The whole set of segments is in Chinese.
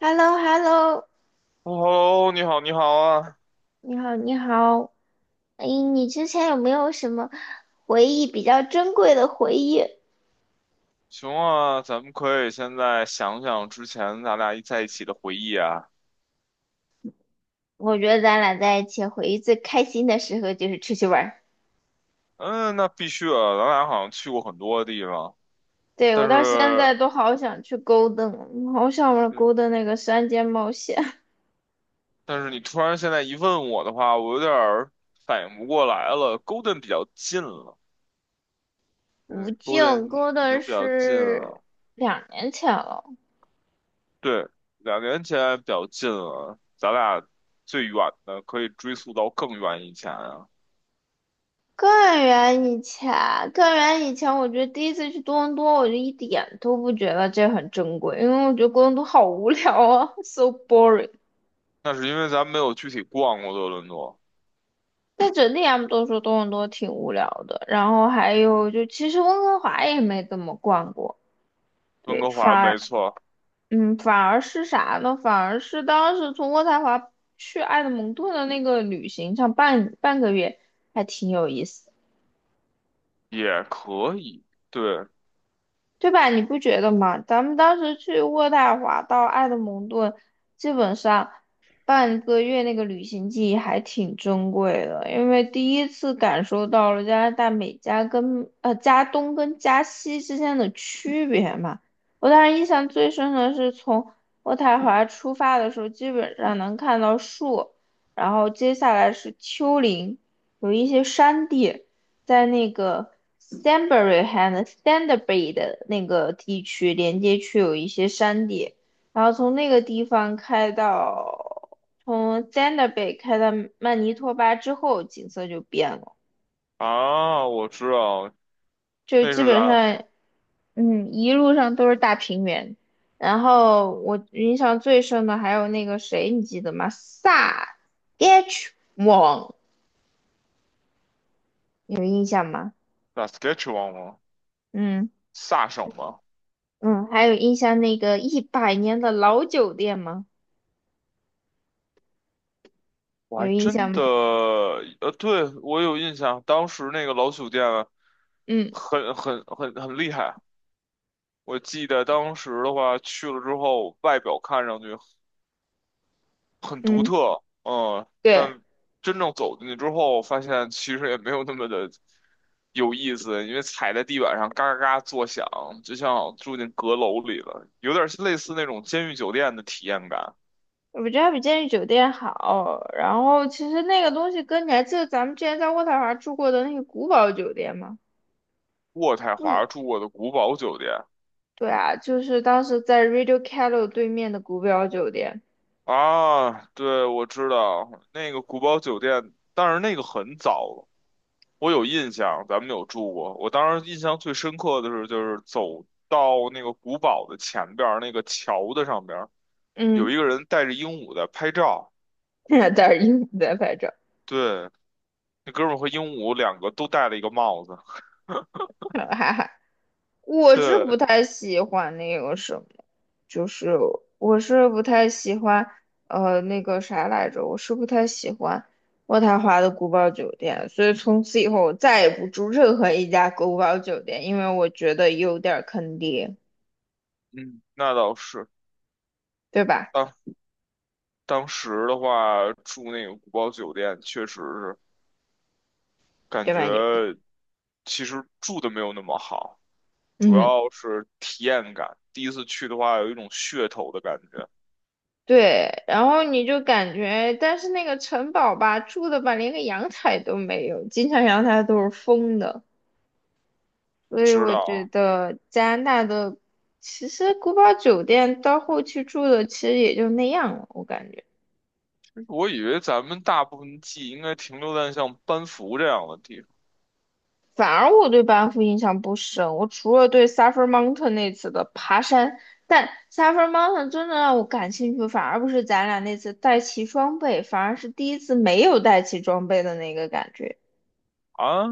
h e l l o hello 哦，你好，你好啊，你好，你好。哎，你之前有没有什么回忆比较珍贵的回忆？行啊，咱们可以现在想想之前咱俩一在一起的回忆啊。我觉得咱俩在一起回忆最开心的时候就是出去玩儿。嗯，那必须的，咱俩好像去过很多地方，对，我但到现是，在都好想去勾 o 好想玩勾 对，o 那个山间冒险。但是你突然现在一问我的话，我有点儿反应不过来了。Golden 比较近了，对无尽，Golden 勾 已经 o 比较近是了，2年前了，对，2年前比较近了，咱俩最远的可以追溯到更远以前啊。更远以前，更远以前，我觉得第一次去多伦多，我就一点都不觉得这很珍贵，因为我觉得多伦多好无聊啊，so boring。那是因为咱没有具体逛过多伦多。但整体他们都说多伦多挺无聊的，然后还有就其实温哥华也没怎么逛过，温对，哥反华没而错，反而是啥呢？反而是当时从渥太华去埃德蒙顿的那个旅行上半个月还挺有意思的。也可以。对对吧？你不觉得吗？咱们当时去渥太华到埃德蒙顿，基本上半个月那个旅行记忆还挺珍贵的，因为第一次感受到了加拿大美加跟加东跟加西之间的区别嘛。我当时印象最深的是从渥太华出发的时候，基本上能看到树，然后接下来是丘陵，有一些山地。在那个 Stanbury 和 Stanbury 的那个地区连接区有一些山地，然后从那个地方开到从 Stanbery 开到曼尼托巴之后，景色就变了，啊，我知道，就那基是本咱上一路上都是大平原。然后我印象最深的还有那个谁，你记得吗？萨 H 网有印象吗？咱 Saskatchewan 吗？嗯。萨省吗？嗯，还有印象那个100年的老酒店吗？我还有印象真吗？的，对，我有印象，当时那个老酒店啊嗯很厉害。我记得当时的话，去了之后，外表看上去。很独嗯，特，嗯，对，但真正走进去之后，发现其实也没有那么的有意思，因为踩在地板上嘎嘎嘎作响，就像住进阁楼里了，有点类似那种监狱酒店的体验感。我觉得它比监狱酒店好。然后其实那个东西跟你还记得咱们之前在渥太华住过的那个古堡酒店吗？渥太嗯，华住过的古堡酒店对啊，就是当时在 Radio Calo 对面的古堡酒店。啊，对，我知道那个古堡酒店，但是那个很早我有印象，咱们有住过。我当时印象最深刻的是，就是走到那个古堡的前边儿那个桥的上边儿，有嗯，一个人带着鹦鹉在拍照。在那儿在拍照。对，那哥们儿和鹦鹉两个都戴了一个帽子。我是对，不太喜欢那个什么，就是我是不太喜欢，那个啥来着，我是不太喜欢渥太华的古堡酒店，所以从此以后我再也不住任何一家古堡酒店，因为我觉得有点儿坑爹，嗯，那倒是。对吧？当当时的话，住那个古堡酒店，确实是感对吧你？觉其实住的没有那么好，主嗯，要是体验感。第一次去的话，有一种噱头的感觉，对，然后你就感觉，但是那个城堡吧，住的吧，连个阳台都没有，经常阳台都是封的。所不以知我觉道。得加拿大的其实古堡酒店到后期住的其实也就那样了，我感觉。我以为咱们大部分记忆应该停留在像班服这样的地方反而我对班夫印象不深，我除了对 Suffer Mountain 那次的爬山，但 Suffer Mountain 真的让我感兴趣，反而不是咱俩那次带齐装备，反而是第一次没有带齐装备的那个感觉。啊，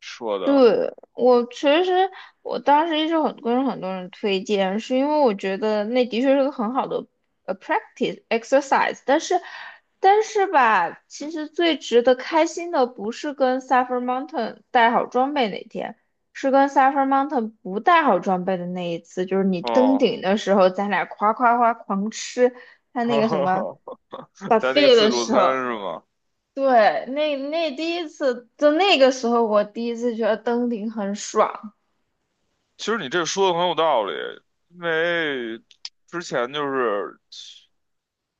说的对，我其实我当时一直很跟很多人推荐，是因为我觉得那的确是个很好的practice exercise，但是吧，其实最值得开心的不是跟 Suffer Mountain 带好装备那天，是跟 Suffer Mountain 不带好装备的那一次，就是你登哦，顶的时候，咱俩夸夸夸狂吃他那个什么 在那个 buffet 自的助时餐候。是吗？对，那第一次，就那个时候，我第一次觉得登顶很爽。其实你这说的很有道理，因为之前就是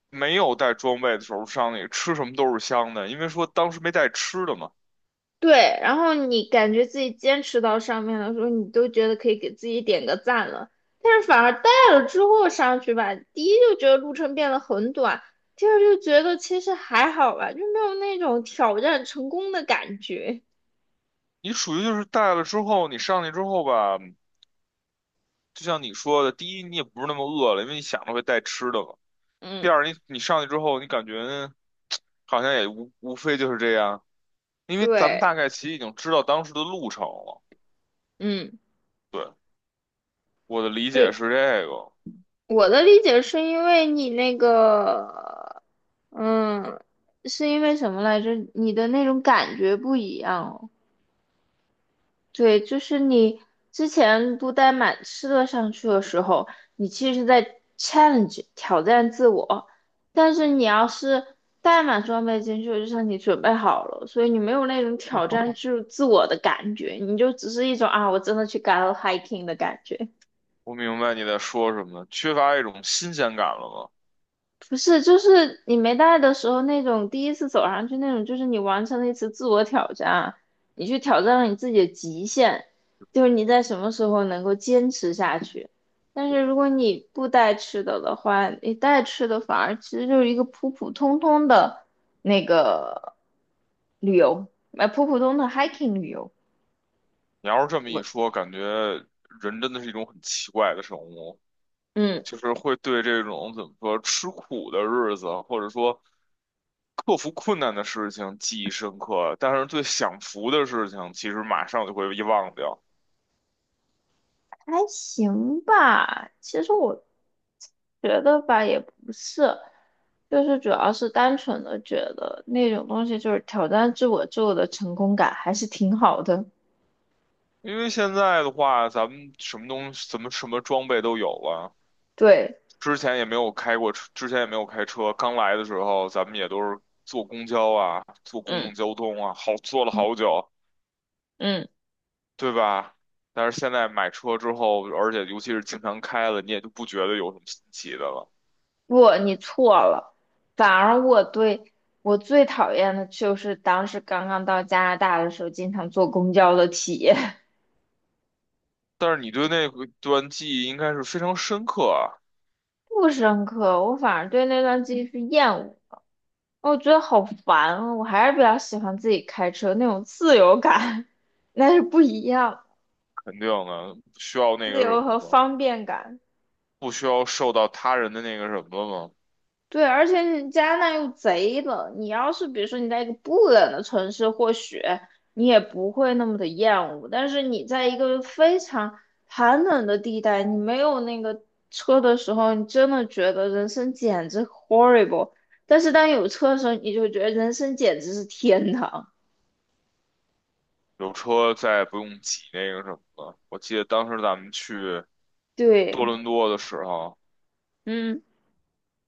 没有带装备的时候，上去吃什么都是香的，因为说当时没带吃的嘛。对，然后你感觉自己坚持到上面的时候，你都觉得可以给自己点个赞了。但是反而带了之后上去吧，第一就觉得路程变得很短，第二就觉得其实还好吧，就没有那种挑战成功的感觉。你属于就是带了之后，你上去之后吧，就像你说的，第一你也不是那么饿了，因为你想着会带吃的嘛。第嗯，二，你上去之后，你感觉。好像也无非就是这样，因为咱们对，大概其实已经知道当时的路程了。嗯，对，我的理解对。是这个，我的理解是因为你那个，嗯，是因为什么来着？你的那种感觉不一样哦。对，就是你之前不带满吃的上去的时候，你其实是在 challenge 挑战自我，但是你要是带满装备进去，就像你准备好了，所以你没有那种挑战 自我的感觉，你就只是一种啊，我真的去 go hiking 的感觉。我明白你在说什么，缺乏一种新鲜感了吗？不是，就是你没带的时候那种第一次走上去那种，就是你完成了一次自我挑战，你去挑战了你自己的极限，就是你在什么时候能够坚持下去。但是如果你不带吃的的话，你带吃的反而其实就是一个普普通通的那个旅游，普普通的 hiking 旅游。你要是这么一说，感觉人真的是一种很奇怪的生物，嗯。就是会对这种怎么说吃苦的日子，或者说克服困难的事情记忆深刻，但是对享福的事情，其实马上就会遗忘掉。还行吧，其实我觉得吧，也不是，就是主要是单纯的觉得那种东西就是挑战自我之后的成功感还是挺好的。因为现在的话，咱们什么东西、怎么什么装备都有了。对，之前也没有开过车，之前也没有开车。刚来的时候，咱们也都是坐公交啊，坐公共嗯交通啊，好坐了嗯，好久，嗯，对吧？但是现在买车之后，而且尤其是经常开了，你也就不觉得有什么新奇的了。不，你错了，反而我对我最讨厌的就是当时刚刚到加拿大的时候，经常坐公交的体验。但是你对那个段记忆应该是非常深刻啊，不深刻，我反而对那段记忆是厌恶的，我觉得好烦啊！我还是比较喜欢自己开车那种自由感，那是不一样，肯定的，不需要那自个什由么和了吗？方便感。不需要受到他人的那个什么了对，而且你加拿大又贼冷，你要是比如说你在一个不冷的城市，或许你也不会那么的厌恶，但是你在一个非常寒冷的地带，你没有那个车的时候，你真的觉得人生简直 horrible。但是当有车的时候，你就觉得人生简直是天堂。有车再也不用挤那个什么了。我记得当时咱们去多对，伦多的时候，嗯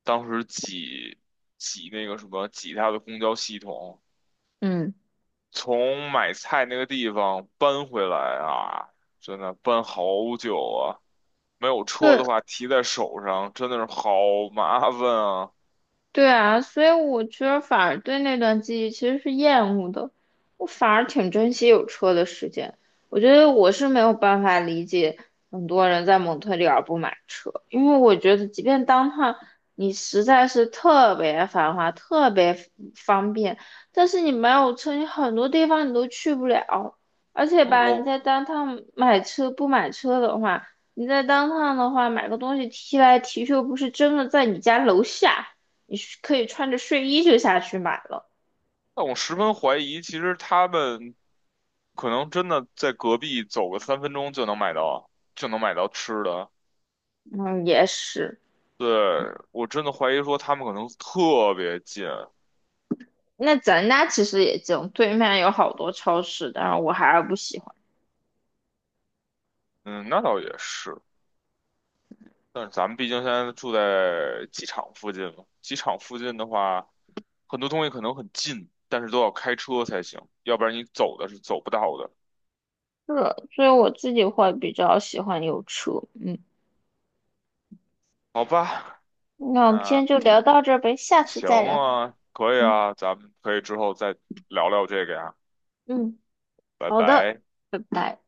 当时挤那个什么挤它的公交系统，嗯，从买菜那个地方搬回来啊，真的搬好久啊。没有车对，的话，提在手上真的是好麻烦啊。对啊，所以我觉得反而对那段记忆其实是厌恶的，我反而挺珍惜有车的时间。我觉得我是没有办法理解很多人在蒙特利尔不买车，因为我觉得即便当趟你实在是特别繁华、特别方便，但是你没有车，你很多地方你都去不了。而且吧，你我，在当趟买车不买车的话，你在当趟的话买个东西提来提去，又不是真的在你家楼下。你可以穿着睡衣就下去买了。但我十分怀疑，其实他们可能真的在隔壁走个3分钟就能买到，就能买到吃的。嗯，也是。对，我真的怀疑说他们可能特别近，那咱家其实也近，对面有好多超市，但是我还是不喜欢。嗯，那倒也是，但是咱们毕竟现在住在机场附近嘛，机场附近的话，很多东西可能很近，但是都要开车才行，要不然你走的是走不到的，是，所以我自己会比较喜欢有车。嗯，好吧？那我们今那天就聊到这儿呗，下次行再聊。啊，可以嗯啊，咱们可以之后再聊聊这个呀，嗯，拜好的。拜。拜拜。